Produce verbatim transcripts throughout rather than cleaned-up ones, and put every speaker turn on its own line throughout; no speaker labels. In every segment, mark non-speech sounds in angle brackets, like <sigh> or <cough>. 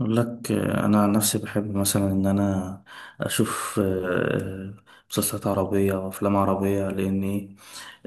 أقول لك آه، أنا عن نفسي بحب مثلا إن أنا أشوف آه، مسلسلات عربية وأفلام عربية لأن إيه،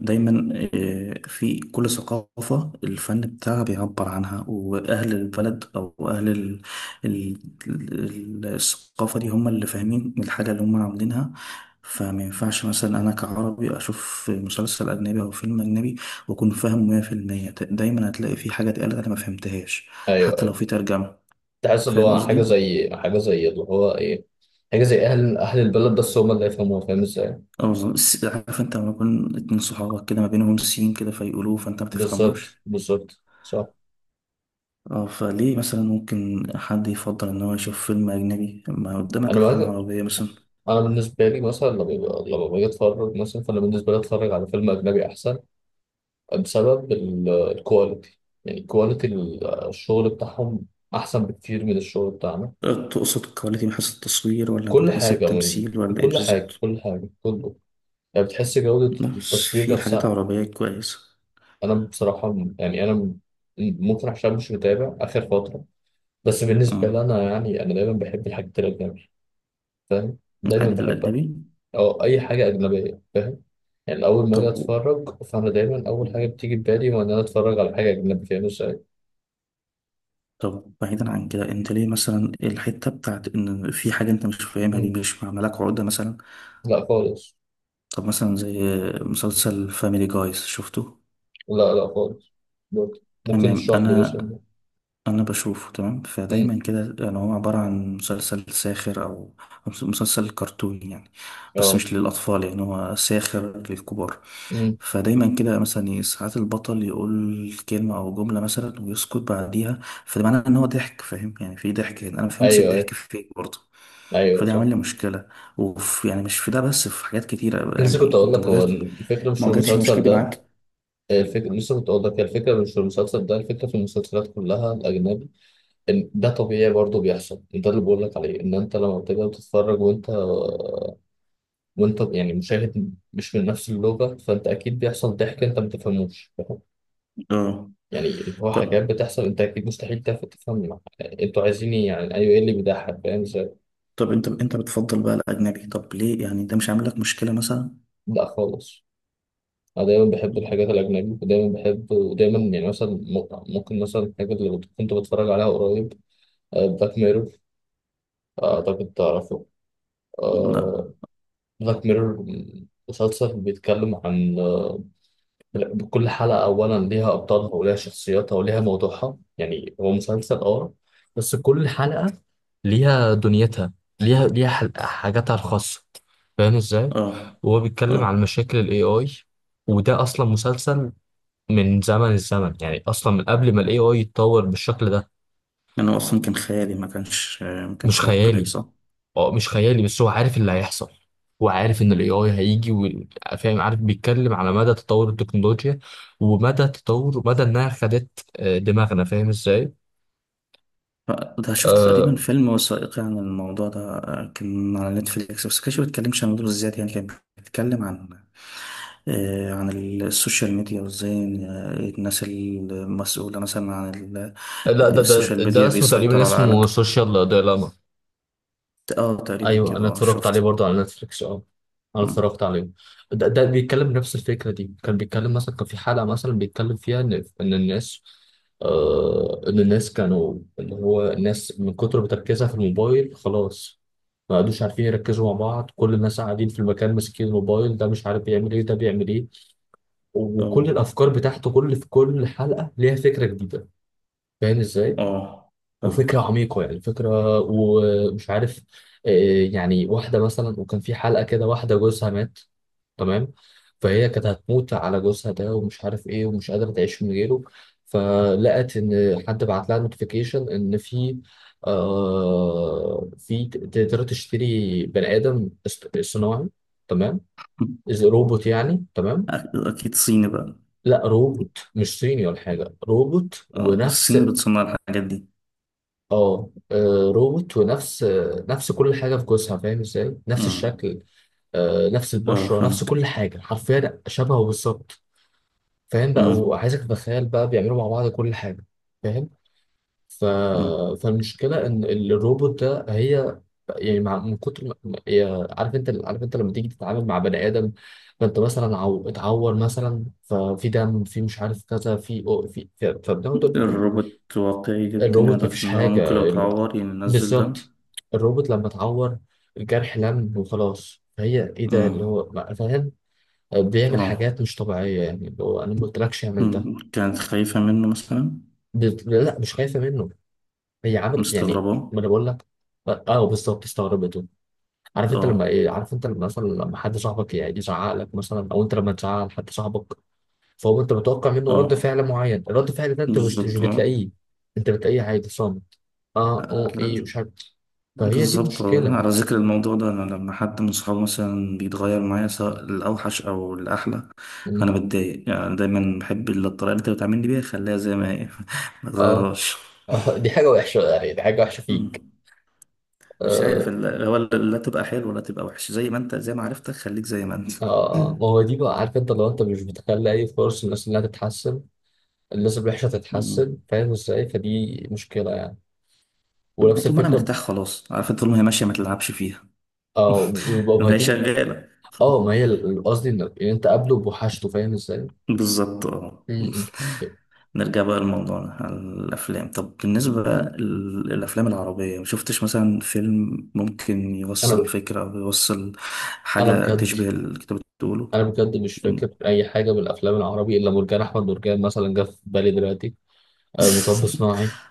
دايما آه، في كل ثقافة الفن بتاعها بيعبر عنها وأهل البلد أو أهل ال- ال- ال- الثقافة دي هم اللي فاهمين الحاجة اللي هم عاملينها. فما ينفعش مثلا أنا كعربي أشوف مسلسل أجنبي أو فيلم أجنبي وأكون فاهم مية بالمية، دايما هتلاقي في حاجة اتقالت أنا ما فهمتهاش
ايوه
حتى لو
ايوه
في ترجمة.
تحس اللي
فاهم
هو حاجه
قصدي؟
زي حاجه زي اللي هو ايه، حاجه زي اهل اهل البلد بس هم اللي يفهموها، فاهم ازاي؟
اه بالظبط. الس- عارف انت لما يكون اتنين صحابك كده ما بينهم سين كده فيقولوه فانت ما
بالظبط
تفهموش.
بالظبط صح.
اه فليه مثلا ممكن حد يفضل ان هو يشوف فيلم اجنبي، ما قدامك
انا
افلام
بقى
عربية مثلا.
انا بالنسبه لي مثلا لما بيبقى- لما باجي اتفرج مثلا، فانا بالنسبه لي اتفرج على فيلم اجنبي احسن، بسبب ال- الكواليتي. يعني كواليتي ال- الشغل بتاعهم احسن بكتير من الشغل بتاعنا.
اه، تقصد الكواليتي من حيث التصوير ولا من
كل
حيث
حاجه، من
التمثيل
من
ولا ايه
كل حاجه،
بالظبط؟
كل حاجه كله. يعني بتحس جوده
بس
التصوير
في حاجات
نفسها.
عربية كويسة.
انا بصراحه م- يعني انا م- ممكن عشان مش متابع اخر فتره، بس بالنسبه لي
اه،
انا، يعني انا دايما بحب الحاجات الاجنبي، فاهم؟ دايما
الحاجات
بحبها،
الأجنبي.
او اي حاجه اجنبيه، فاهم؟ يعني اول ما
طب
اجي اتفرج، فانا دايما اول حاجه بتيجي في بالي هو ان انا اتفرج على حاجه اجنبي، فاهم ازاي؟
طب بعيدا عن كده، انت ليه مثلا الحتة بتاعت ان في حاجة انت مش فاهمها دي
مم.
مش معملاك عقدة مثلا؟
لا خالص.
طب مثلا زي مسلسل فاميلي جايز، شفته؟
لا لا خالص، برضه ممكن
تمام.
تشرح لي
انا
مثلا.
انا بشوفه. تمام،
امم.
فدايما كده يعني هو عبارة عن مسلسل ساخر او أو مسلسل كرتوني يعني، بس
اه.
مش للاطفال، يعني هو ساخر للكبار.
امم.
فدايما كده مثلا، ي- ساعات البطل يقول كلمة او جملة مثلا ويسكت بعديها، فده معناه ان هو ضحك. فاهم يعني في ضحك هنا، انا ما فهمتش
ايوه ايوه.
الضحك فين برضه.
ايوه
فده
صح.
عمل لي مشكلة. وفي يعني مش في ده بس، في حاجات كتيرة
لسه كنت
يعني.
اقول
انت ما
لك هو
واجهت-
الفكره مش
ما
في
واجهتش
المسلسل
المشكلة دي
ده.
معاك؟
الفكرة، لسه كنت أقول لك هي الفكرة مش في المسلسل ده، الفكرة في المسلسلات كلها الأجنبي، إن ده طبيعي برضه بيحصل. ده اللي بقول لك عليه، إن أنت لما بتبقى بتتفرج وأنت وأنت يعني مشاهد مش من نفس اللغة، فأنت أكيد بيحصل ضحك أنت ما تفهموش، فاهم؟
اه.
يعني اللي هو حاجات
طب
بتحصل أنت أكيد مستحيل تف- تفهم أنتوا عايزين إيه، يعني أيوه إيه اللي بيضحك، فاهم إزاي؟
طب انت انت بتفضل بقى الاجنبي، طب ليه يعني ده مش عامل لك مشكله مثلا؟
لا خالص. أنا دايما بحب
مم.
الحاجات الأجنبي، ودايما بحب، ودايما، يعني مثلا ممكن مثلا الحاجة اللي كنت بتفرج عليها قريب، بلاك ميرور، أعتقد تعرفه.
لا.
آه، بلاك ميرور، مسلسل بيتكلم عن، آه، كل حلقة أولا ليها أبطالها وليها شخصياتها وليها موضوعها، يعني هو مسلسل أه، بس كل حلقة ليها دنيتها، ليها ليها حل- حاجاتها الخاصة، فاهم إزاي؟
اه
وهو بيتكلم عن
اه،
مشاكل ال إيه آي. وده أصلا مسلسل من زمن الزمن، يعني أصلا من قبل ما ال إيه آي يتطور بالشكل ده.
انا اصلا كان خيالي، ما كانش ما
مش
كانش واقعي
خيالي.
صح.
اه مش خيالي، بس هو عارف اللي هيحصل. هو عارف ان الاي اي هيجي وال- فاهم؟ عارف بيتكلم على مدى تطور التكنولوجيا، ومدى تطور، مدى انها خدت آه، دماغنا، فاهم ازاي؟
ف- ده شفت تقريبا
آه.
فيلم وثائقي عن الموضوع ده، آه، كان على نتفليكس بس كانش بيتكلمش عن الموضوع بالذات. يعني كان بيتكلم عن آه، عن ال- السوشيال ميديا وازاي إن- آه، الناس المسؤولة مثلا عن ال- آه،
لا ده ده
السوشيال
ده
ميديا
اسمه تقريبا،
بيسيطروا على
اسمه
عقلك.
سوشيال ديلاما.
اه تقريبا
ايوه
كده،
انا
اه
اتفرجت عليه
شفته.
برضه على نتفليكس، اه انا اتفرجت عليه. ده, ده بيتكلم نفس الفكره دي، كان بيتكلم مثلا، كان في حلقه مثلا بيتكلم فيها ان، ان الناس، آه ان الناس كانوا اللي هو الناس من كتر بتركيزها في الموبايل خلاص ما قعدوش عارفين يركزوا مع بعض، كل الناس قاعدين في المكان ماسكين الموبايل، ده مش عارف بيعمل ايه ده بيعمل ايه. وكل
اه
الافكار بتاعته، كل، في كل حلقه ليها فكره جديده، فاهم ازاي؟
اه
وفكرة
فاهم.
عميقة، يعني فكرة ومش عارف، آه، يعني واحدة مثلا، وكان في حلقة كده واحدة جوزها مات، تمام؟ فهي كانت هتموت على جوزها ده ومش عارف ايه ومش قادرة تعيش من غيره، فلقت ان حد بعت لها نوتيفيكيشن ان في، آه في ت- تقدر تشتري بني آدم اصط- صناعي، تمام؟ إذا روبوت يعني، تمام؟
اكيد صيني بقى.
لا روبوت مش صيني ولا حاجة، روبوت
اه
ونفس،
الصين بتصنع الحاجات دي.
اه آه، روبوت ونفس، آه، نفس كل حاجه في جسمها، فاهم ازاي؟ نفس
امم،
الشكل، آه، نفس
اه
البشره، نفس
فهمت.
كل حاجه، حرفيا شبهه بالظبط. فاهم بقى،
امم.
وعايزك تتخيل بقى بيعملوا مع بعض كل حاجه، فاهم؟ ف...
أمم.
فالمشكله ان الروبوت ده هي، يعني مع، من كتر ما، ما- هي- عارف انت، عارف انت لما تيجي تتعامل مع بني ادم، فانت مثلا عو... اتعور مثلا، ففي دم، في مش عارف كذا، في في, في... فبناخد.
الروبوت واقعي جدا يعني
الروبوت
لدرجة
مفيش
إن هو
حاجه،
ممكن لو تعور يعني ينزل دم.
بالظبط. الروبوت لما اتعور الجرح لم وخلاص، فهي ايه ده اللي
امم.
هو ما- فاهم؟ بيعمل
اه.
حاجات مش طبيعية، يعني اللي هو انا ما قلتلكش اعمل ده.
أمم. كانت خايفة منه مثلا؟
بت- لا مش خايفة منه، هي عملت يعني،
مستغربة.
ما انا بقول لك. اه بالظبط، استغربته. عارف انت لما
اه
ايه، عارف انت لما مثلا لما حد صاحبك يعني يزعق لك مثلا، او انت لما تزعق لحد صاحبك، فهو انت متوقع منه رد
اه
فعل معين، الرد فعل ده انت مش مش
بالظبط.
بتلاقيه، انت بتلاقيه عادي صامت، اه
اه
اه ايه مش عارف. فهي دي
بالظبط. آه،
مشكلة.
على ذكر الموضوع ده، انا لما حد من صحابي مثلا بيتغير معايا، سواء الاوحش او الاحلى، فانا بتضايق. يعني أنا دايما بحب ال- الطريقه اللي انت بتعاملني بيها، خليها زي ما هي <laughs> ما
اه.
تغيرهاش.
اه دي حاجة وحشة، يعني دي حاجة وحشة فيك.
أمم. مش عارف
اه.
ال- هو ال- لا تبقى حلو ولا تبقى وحش، زي ما انت، زي ما عرفتك خليك زي ما انت.
اه آه،
<laughs>
ما هو دي بقى، عارف انت لو انت مش بتخلي اي فرص للناس انها تتحسن، الناس الوحشة تتحسن،
أمم.
فاهم ازاي؟ فدي مشكلة يعني. ونفس
طول ما انا
الفكرة.
مرتاح خلاص، عارف، طول ما هي ماشيه ما تلعبش فيها.
اه. ويبقى
<laughs> لو هي
بهدي.
شغاله.
اه ما هي ال- ال- قصدي ان إن انت قابله بوحشته، فاهم ازاي؟ م-
بالظبط اه.
م.
<laughs> نرجع بقى لموضوعنا على الأفلام. طب بالنسبة لل- للأفلام العربية، مشفتش مثلا فيلم ممكن يوصل
انا،
فكرة أو يوصل
انا
حاجة
بجد،
تشبه اللي كنت بتقوله؟
انا بجد مش فاكر
<laughs>
اي حاجة من الافلام العربي الا مرجان احمد مرجان مثلا جه في بالي دلوقتي. آه مطب صناعي،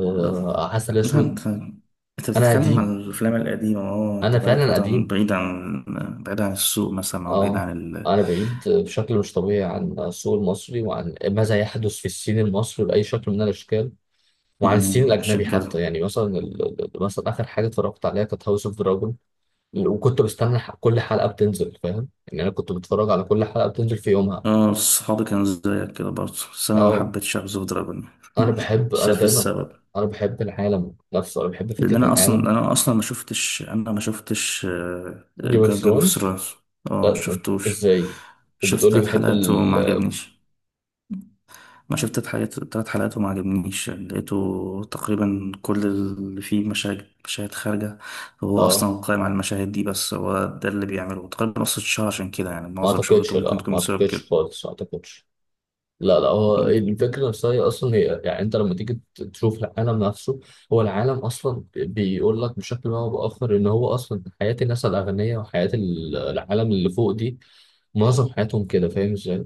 لا،
عسل اسود.
أنت أنت
انا
بتتكلم
قديم،
عن الأفلام القديمة. أه أنت
انا
بقالك
فعلا
فترة
قديم.
بعيد عن، بعيد عن السوق مثلا أو بعيد
اه.
عن ال...
أنا بعيد بشكل مش طبيعي عن السوق المصري، وعن ماذا يحدث في الصين المصري بأي شكل من الأشكال، وعن الصين
أمم،
الأجنبي
عشان كده
حتى. يعني مثلا ال- ال- ال- مثلا آخر حاجة اتفرجت عليها كانت هاوس اوف دراجون، وكنت بستنى ح- كل حلقة بتنزل، فاهم يعني؟ أنا كنت بتفرج على كل حلقة بتنزل في يومها.
اه صحابي كانوا زيك كده برضه، بس أنا ما
اه.
حبيتش أعزف دراجون.
أنا بحب،
<laughs> مش
أنا
عارف
دايما،
السبب.
أنا بحب العالم نفسه، أنا بحب
لان
فكرة
انا اصلا،
العالم.
انا اصلا ما شفتش انا ما شفتش
جيم اوف
جيم اوف
ثرونز.
ثرونز. اه ما
لا أنت
شفتوش.
إزاي؟
شفت
وبتقولي
ثلاث
بحب
حلقات
ال،
وما عجبنيش. ما شفت تلات حلقات تلات حلقات وما عجبنيش، يعني لقيته تقريبا كل اللي فيه مشاهد مشاهد خارجة، هو
اه.
أصلا قائم على المشاهد دي بس، هو ده اللي بيعمله تقريبا نص الشهر. عشان كده يعني
ما
معظم
أعتقدش،
شهرته ممكن
لا ما
تكون بسبب
أعتقدش
كده.
خالص، ما أعتقدش. لا لا، هو
مم.
الفكرة نفسها هي أصلا، هي يعني أنت لما تيجي ت- تشوف العالم نفسه، هو العالم أصلا بيقول لك بشكل ما أو بآخر إن هو أصلا حياة الناس الأغنياء وحياة ال- العالم اللي فوق دي، معظم حياتهم كده، فاهم إزاي؟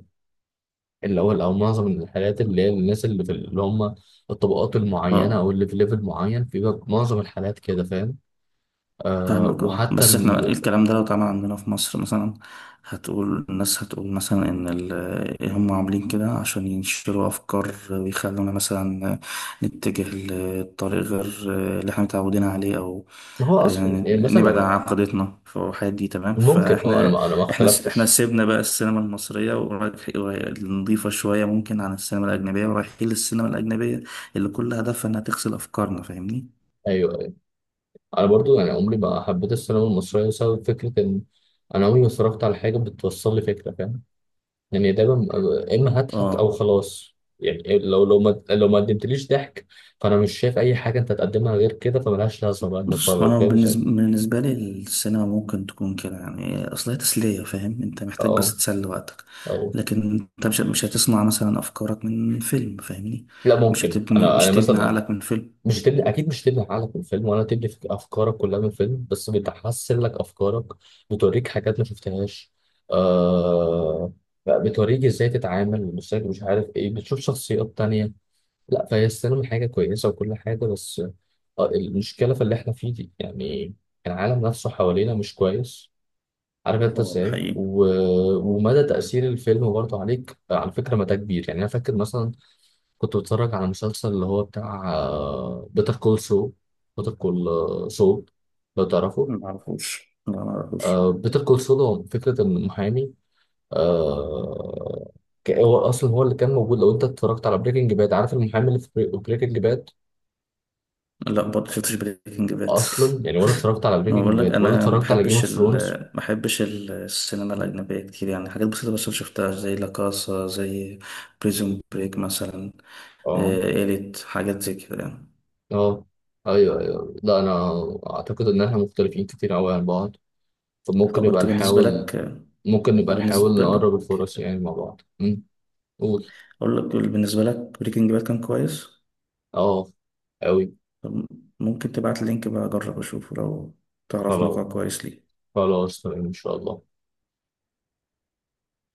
اللي هو أو معظم الحياة اللي هي الناس اللي في، اللي هم الطبقات المعينة أو
اه
اللي في ليفل معين، بيبقى معظم الحالات كده، فاهم؟ آه
فاهمك. اه
وحتى
بس احنا
ال...
الكلام ده لو اتعمل عندنا في مصر مثلا، هتقول الناس، هتقول مثلا ان ال- إيه هم عاملين كده عشان ينشروا افكار ويخلونا مثلا نتجه لطريق غير اللي احنا متعودين عليه، او
هو أصلا
يعني
يعني مثلا
نبعد
لو،
عن عقيدتنا في الحاجات دي. تمام،
ممكن أه. أنا
فاحنا،
ما أنا ما
احنا احنا
اختلفتش.
سيبنا بقى السينما المصرية ورايح- نضيفة شوية ممكن عن السينما الأجنبية، ورايحين للسينما الأجنبية اللي كل هدفها انها تغسل افكارنا. فاهمني؟
ايوه. انا برضو يعني عمري ما حبيت السينما المصريه، بسبب فكره ان انا عمري ما اتفرجت على حاجه بتوصل لي فكره، فاهم؟ يعني دايما يا اما هضحك او
اه.
خلاص، يعني لو لو ما لو ما قدمتليش ضحك، فانا مش شايف اي حاجه انت تقدمها غير كده، فملهاش لازمه بقى
بص
نتفرج،
انا
فاهم ازاي؟
بالنسبه بالنسبه لي السينما ممكن تكون كده، يعني اصل هي تسليه، فاهم؟ انت محتاج
اه.
بس تسلي وقتك،
اه.
لكن انت مش مش هتصنع مثلا افكارك من فيلم، فاهمني؟
لا
مش
ممكن،
هتبني
انا
مش
انا
هتبني
مثلا،
عقلك من فيلم.
مش تبني، اكيد مش تبني عقلك من الفيلم ولا تبني فك- افكارك كلها من الفيلم، بس بتحسن لك افكارك، بتوريك حاجات ما شفتهاش، آه، بتوريك ازاي تتعامل، مش مش عارف ايه، بتشوف شخصيات تانية. لا فهي السينما حاجة كويسة وكل حاجة، بس آه المشكلة في اللي احنا فيه دي يعني، العالم نفسه حوالينا مش كويس، عارف انت
اه ده
ازاي؟
حقيقي.
و... ومدى تأثير الفيلم برضه عليك، على فكرة مدى كبير. يعني انا فاكر مثلا كنت بتفرج على مسلسل اللي هو بتاع بيتر كول سو، بيتر كول سول، لو تعرفه.
ما اعرفوش، لا ما اعرفوش.
بيتر كول سول هو فكرة إن محامي، آه، ك- هو أصلا هو اللي كان موجود لو أنت اتفرجت على بريكنج باد، عارف المحامي اللي في بريكنج باد؟
لا برضه شفتش بريكنج باد.
أصلا يعني ولا اتفرجت على
ما
بريكنج
بقول لك
باد ولا
انا ما
اتفرجت على جيم
بحبش
اوف
ال
ثرونز.
ما بحبش ال- السينما الاجنبيه كتير، يعني حاجات بسيطه بس شفتها، زي لا كاسا، زي بريزون بريك مثلا،
اه.
إيه، إيليت، حاجات زي كده يعني.
اه. ايوه ايوه. لا انا اعتقد ان احنا مختلفين كتير قوي عن بعض، فممكن
طب
نبقى
انت بالنسبة
نحاول،
لك،
ممكن نبقى نحاول
بالنسبة لك
نقرب الفرص يعني مع بعض. امم. قول.
اقول لك بالنسبة لك بريكنج باد كان كويس؟
اه. أوي.
طب ممكن تبعت اللينك بقى اجرب اشوفه، لو تعرف
خلاص.
موقع كويس ليه.
خلاص تمام إن شاء الله.